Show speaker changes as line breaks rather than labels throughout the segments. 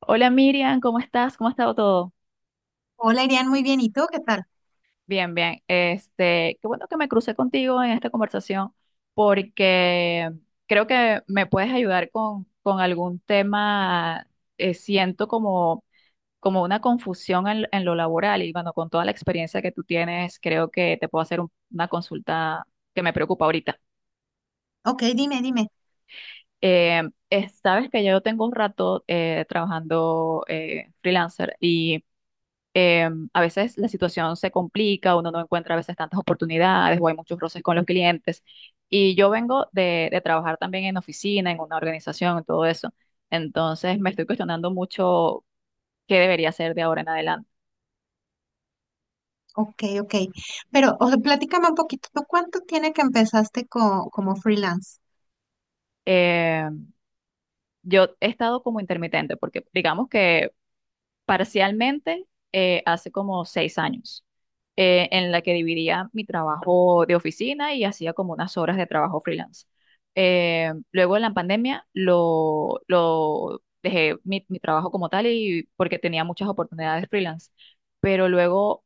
Hola Miriam, ¿cómo estás? ¿Cómo ha estado todo?
Hola, Irian, muy bien. ¿Y tú qué tal?
Bien, bien. Qué bueno que me crucé contigo en esta conversación porque creo que me puedes ayudar con algún tema. Siento como una confusión en lo laboral y bueno, con toda la experiencia que tú tienes, creo que te puedo hacer una consulta que me preocupa ahorita.
Ok, dime.
Eh, sabes que yo tengo un rato trabajando freelancer. A veces la situación se complica, uno no encuentra a veces tantas oportunidades o hay muchos roces con los clientes. Y yo vengo de trabajar también en oficina, en una organización, en todo eso. Entonces me estoy cuestionando mucho qué debería hacer de ahora en adelante.
Ok, ok. Pero, o sea, platícame un poquito. ¿Tú cuánto tiene que empezaste como freelance?
Eh, yo he estado como intermitente porque digamos que parcialmente hace como 6 años, en la que dividía mi trabajo de oficina y hacía como unas horas de trabajo freelance. Luego en la pandemia lo dejé mi trabajo como tal y porque tenía muchas oportunidades freelance, pero luego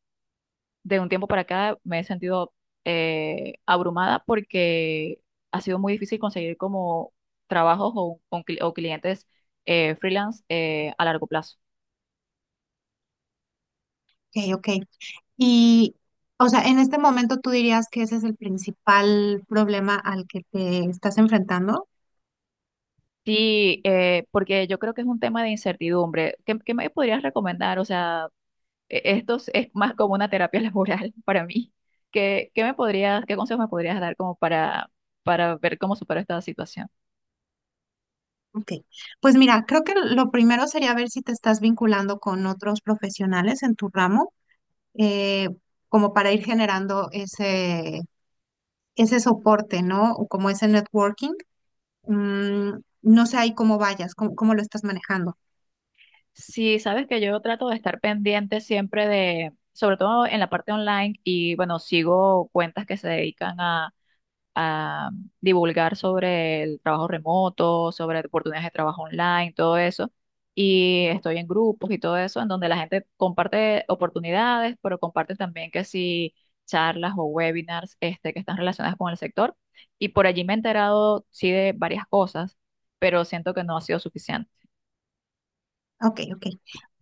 de un tiempo para acá me he sentido abrumada porque ha sido muy difícil conseguir como trabajos o clientes freelance a largo plazo.
Ok, ok. Y, o sea, en este momento tú dirías que ese es el principal problema al que te estás enfrentando.
Sí, porque yo creo que es un tema de incertidumbre. ¿Qué, qué me podrías recomendar? O sea, esto es más como una terapia laboral para mí. ¿Qué, qué me podrías, qué consejos me podrías dar como para ver cómo supero esta situación?
Ok. Pues mira, creo que lo primero sería ver si te estás vinculando con otros profesionales en tu ramo, eh, como para ir generando ese soporte, ¿no? O como ese networking. Mm, no sé ahí cómo vayas, cómo lo estás manejando.
Sí, sabes que yo trato de estar pendiente siempre de, sobre todo en la parte online y bueno, sigo cuentas que se dedican a divulgar sobre el trabajo remoto, sobre oportunidades de trabajo online, todo eso. Y estoy en grupos y todo eso, en donde la gente comparte oportunidades, pero comparte también que si charlas o webinars este, que están relacionadas con el sector. Y por allí me he enterado, sí, de varias cosas, pero siento que no ha sido suficiente.
Ok, ok.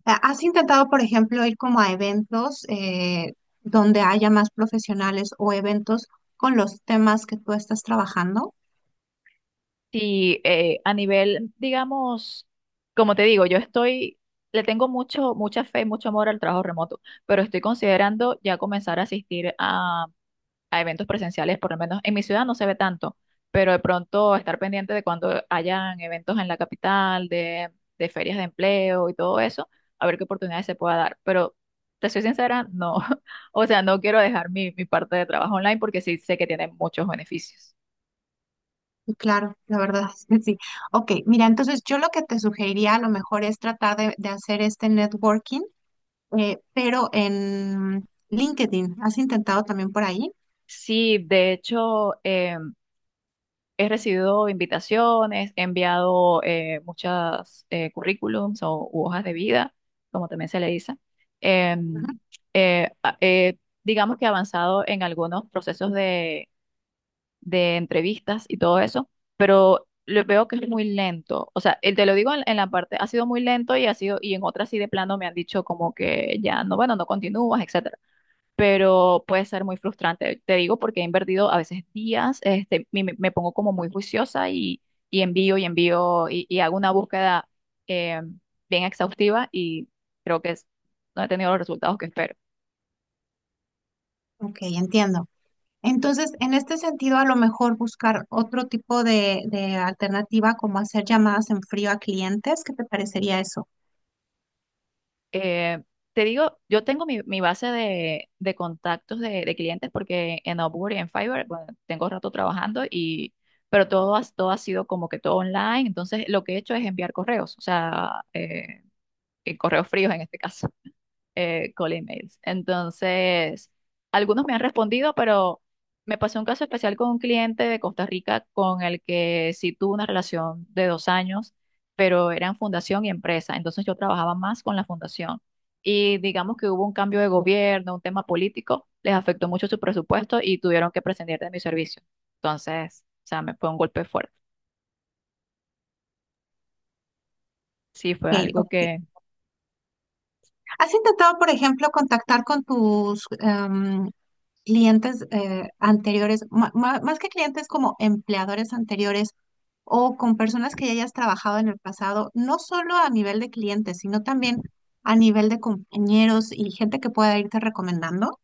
Ah, ¿has intentado, por ejemplo, ir como a eventos donde haya más profesionales o eventos con los temas que tú estás trabajando?
Sí, a nivel, digamos, como te digo, le tengo mucha fe, mucho amor al trabajo remoto, pero estoy considerando ya comenzar a asistir a eventos presenciales, por lo menos en mi ciudad no se ve tanto, pero de pronto estar pendiente de cuando hayan eventos en la capital, de ferias de empleo y todo eso, a ver qué oportunidades se pueda dar. Pero te soy sincera, no, o sea, no quiero dejar mi parte de trabajo online porque sí sé que tiene muchos beneficios.
Y claro, la verdad es que sí. Ok, mira, entonces yo lo que te sugeriría a lo mejor es tratar de hacer este networking, pero en LinkedIn. ¿Has intentado también por ahí?
Sí, de hecho, he recibido invitaciones, he enviado muchas currículums o u hojas de vida, como también se le dice.
Ujú.
Em, eh, a- eh, digamos que he avanzado en algunos procesos de entrevistas y todo eso, pero lo veo que es muy lento. O sea, te lo digo en la parte, ha sido muy lento y ha sido, y en otras sí de plano me han dicho como que ya no, bueno, no continúas, etc, pero puede ser muy frustrante. Te digo porque he invertido a veces días, este, me pongo como muy juiciosa y envío y envío y hago una búsqueda eh, bien exhaustiva y creo que es- no he tenido los resultados que espero.
Ok, entiendo. Entonces, en este sentido, a lo mejor buscar otro tipo de alternativa, como hacer llamadas en frío a clientes, ¿qué te parecería eso?
Eh, Te digo, yo tengo mi base de contactos de clientes porque en Upwork y en Fiverr, bueno, tengo rato trabajando y... Pero todo ha sido como que todo online, entonces lo que he hecho es enviar correos, o sea, correos fríos en este caso. Cold emails. Entonces, algunos me han respondido, pero me pasó un caso especial con un cliente de Costa Rica con el que sí tuve una relación de 2 años, pero eran fundación y empresa. Entonces yo trabajaba más con la fundación. Y digamos que hubo un cambio de gobierno, un tema político, les afectó mucho su presupuesto y tuvieron que prescindir de mi servicio. Entonces, o sea, me fue un golpe fuerte. Sí, fue
Ok,
algo
ok.
que
¿Has intentado, por ejemplo, contactar con tus clientes anteriores, más que clientes como empleadores anteriores o con personas que ya hayas trabajado en el pasado, no solo a nivel de clientes, sino también a nivel de compañeros y gente que pueda irte recomendando?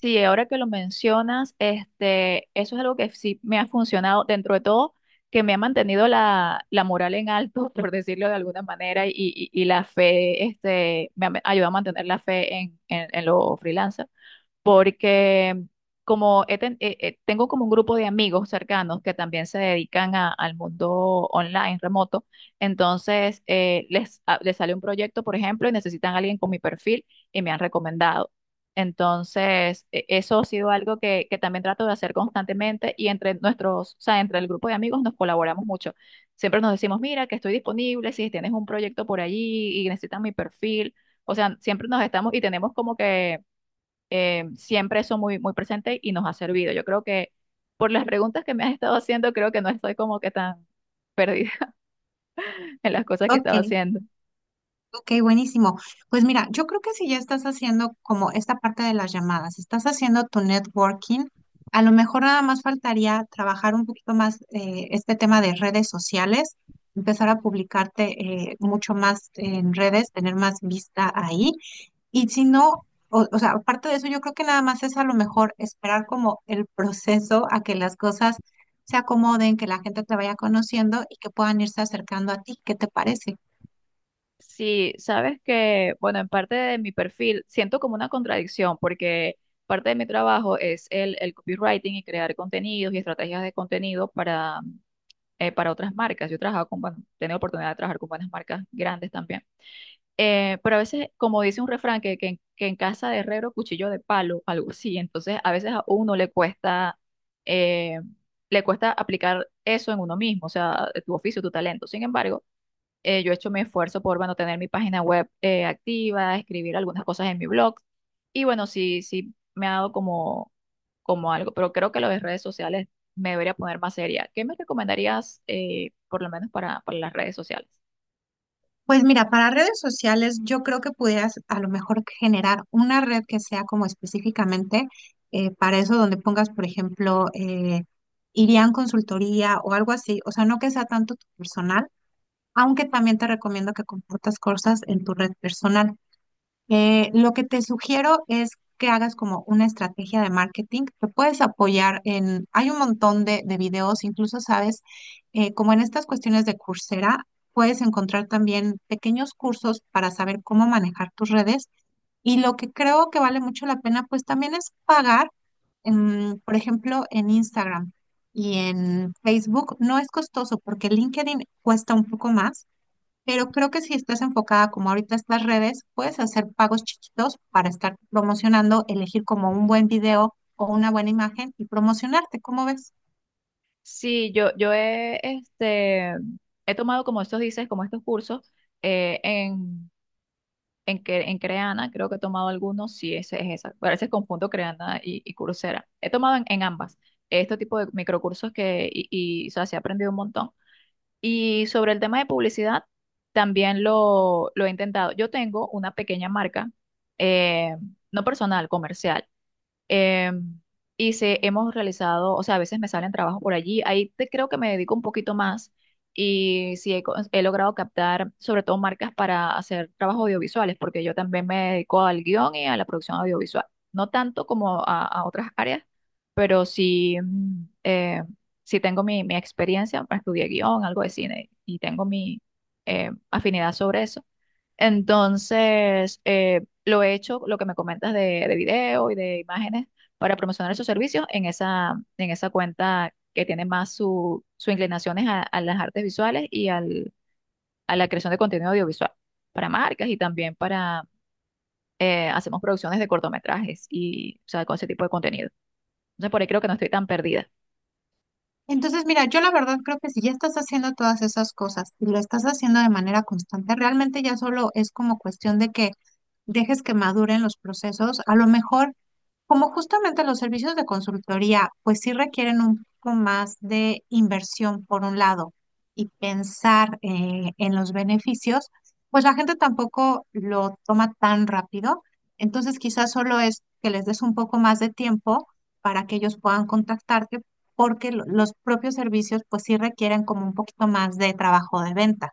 sí, ahora que lo mencionas, este, eso es algo que sí me ha funcionado dentro de todo, que me ha mantenido la moral en alto, por decirlo de alguna manera, y la fe, este, me ha ayudado a mantener la fe en los freelancers porque tengo como un grupo de amigos cercanos que también se dedican al mundo online, remoto, entonces les sale un proyecto, por ejemplo, y necesitan a alguien con mi perfil y me han recomendado. Entonces, eso ha sido algo que también trato de hacer constantemente y entre nuestros, o sea, entre el grupo de amigos nos colaboramos mucho. Siempre nos decimos, mira, que estoy disponible, si tienes un proyecto por allí y necesitan mi perfil. O sea, siempre nos estamos y tenemos como que siempre eso muy, muy presente y nos ha servido. Yo creo que por las preguntas que me has estado haciendo, creo que no estoy como que tan perdida en las cosas que estaba
Ok.
haciendo.
Ok, buenísimo. Pues mira, yo creo que si ya estás haciendo como esta parte de las llamadas, estás haciendo tu networking, a lo mejor nada más faltaría trabajar un poquito más este tema de redes sociales, empezar a publicarte mucho más en redes, tener más vista ahí. Y si no, o sea, aparte de eso, yo creo que nada más es a lo mejor esperar como el proceso a que las cosas se acomoden, que la gente te vaya conociendo y que puedan irse acercando a ti. ¿Qué te parece?
Sí, sabes que, bueno, en parte de mi perfil siento como una contradicción porque parte de mi trabajo es el copywriting y crear contenidos y estrategias de contenido para otras marcas. Yo he trabajado con, bueno, he tenido oportunidad de trabajar con buenas marcas grandes también. Pero a veces, como dice un refrán, que en casa de herrero, cuchillo de palo, algo así. Entonces, a veces a uno eh, le cuesta aplicar eso en uno mismo, o sea, tu oficio, tu talento. Sin embargo, yo he hecho mi esfuerzo por, bueno, tener mi página web activa, escribir algunas cosas en mi blog. Y bueno, sí, sí, me ha dado como, como algo, pero creo que lo de redes sociales me debería poner más seria. ¿Qué me recomendarías, por lo menos para las redes sociales?
Pues mira, para redes sociales yo creo que pudieras a lo mejor generar una red que sea como específicamente para eso donde pongas, por ejemplo, irían consultoría o algo así, o sea, no que sea tanto tu personal, aunque también te recomiendo que compartas cosas en tu red personal. Lo que te sugiero es que hagas como una estrategia de marketing. Te puedes apoyar en, hay un montón de videos, incluso sabes, como en estas cuestiones de Coursera, puedes encontrar también pequeños cursos para saber cómo manejar tus redes. Y lo que creo que vale mucho la pena, pues también es pagar, en, por ejemplo, en Instagram y en Facebook. No es costoso porque LinkedIn cuesta un poco más, pero creo que si estás enfocada como ahorita estas redes, puedes hacer pagos chiquitos para estar promocionando, elegir como un buen video o una buena imagen y promocionarte, ¿cómo ves?
Sí, yo he, este, he tomado como estos dices, como estos cursos eh, en, en Creana, creo que he tomado algunos, sí, ese es esa, a veces confundo Creana y Coursera. He tomado en ambas este tipo de microcursos o sea, sí he aprendido un montón. Y sobre el tema de publicidad, también lo he intentado. Yo tengo una pequeña marca, eh, no personal, comercial. Em, y se, hemos realizado, o sea, a veces me salen trabajos por allí, creo que me dedico un poquito más y sí he logrado captar sobre todo marcas para hacer trabajos audiovisuales, porque yo también me dedico al guión y a la producción audiovisual, no tanto como a otras áreas, pero sí, sí tengo mi experiencia, estudié guión, algo de cine y tengo mi afinidad sobre eso. Entonces, lo he hecho, lo que me comentas de video y de imágenes para promocionar esos servicios en esa cuenta que tiene más su inclinaciones a las artes visuales y al, a la creación de contenido audiovisual para marcas y también para, hacemos producciones de cortometrajes y, o sea, con ese tipo de contenido. Entonces, por ahí creo que no estoy tan perdida.
Entonces, mira, yo la verdad creo que si ya estás haciendo todas esas cosas y lo estás haciendo de manera constante, realmente ya solo es como cuestión de que dejes que maduren los procesos. A lo mejor, como justamente los servicios de consultoría, pues sí requieren un poco más de inversión por un lado y pensar en los beneficios, pues la gente tampoco lo toma tan rápido. Entonces, quizás solo es que les des un poco más de tiempo para que ellos puedan contactarte porque los propios servicios pues sí requieren como un poquito más de trabajo de venta.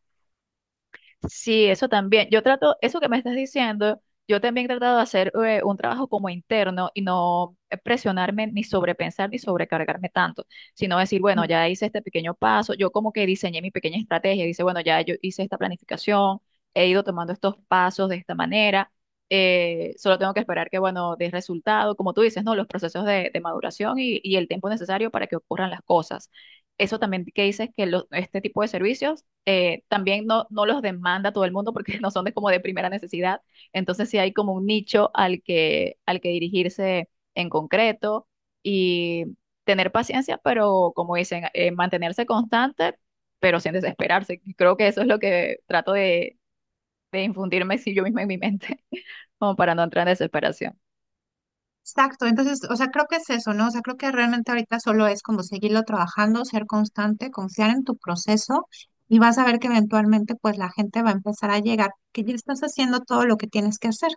Sí, eso también. Yo trato, eso que me estás diciendo, yo también he tratado de hacer un trabajo como interno y no presionarme ni sobrepensar ni sobrecargarme tanto, sino decir, bueno,
Ujú.
ya hice este pequeño paso, yo como que diseñé mi pequeña estrategia, dice, bueno, ya yo hice esta planificación, he ido tomando estos pasos de esta manera, solo tengo que esperar que, bueno, dé resultado, como tú dices, ¿no? Los procesos de maduración y el tiempo necesario para que ocurran las cosas. Eso también que dices que lo- este tipo de servicios también no, no los demanda todo el mundo porque no son de, como de primera necesidad. Entonces sí hay como un nicho al que dirigirse en concreto y tener paciencia, pero como dicen, mantenerse constante, pero sin desesperarse. Creo que eso es lo que trato de infundirme si yo misma en mi mente, como para no entrar en desesperación.
Exacto, entonces, o sea, creo que es eso, ¿no? O sea, creo que realmente ahorita solo es como seguirlo trabajando, ser constante, confiar en tu proceso y vas a ver que eventualmente pues la gente va a empezar a llegar, que ya estás haciendo todo lo que tienes que hacer.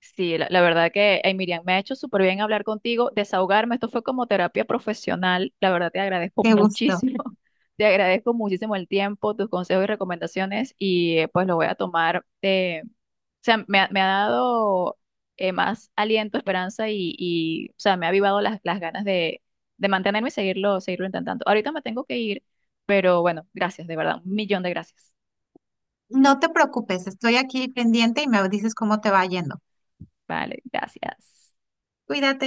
Sí, la verdad que, ay, Miriam, me ha hecho súper bien hablar contigo, desahogarme. Esto fue como terapia profesional. La verdad te agradezco
Qué gusto.
muchísimo. Te agradezco muchísimo el tiempo, tus consejos y recomendaciones y pues lo voy a tomar. Me ha, me ha dado más aliento, esperanza o sea, me ha avivado las ganas de mantenerme y seguirlo, seguirlo intentando. Ahorita me tengo que ir, pero bueno, gracias, de verdad. Un millón de gracias.
No te preocupes, estoy aquí pendiente y me dices cómo te va yendo.
Vale, gracias.
Cuídate.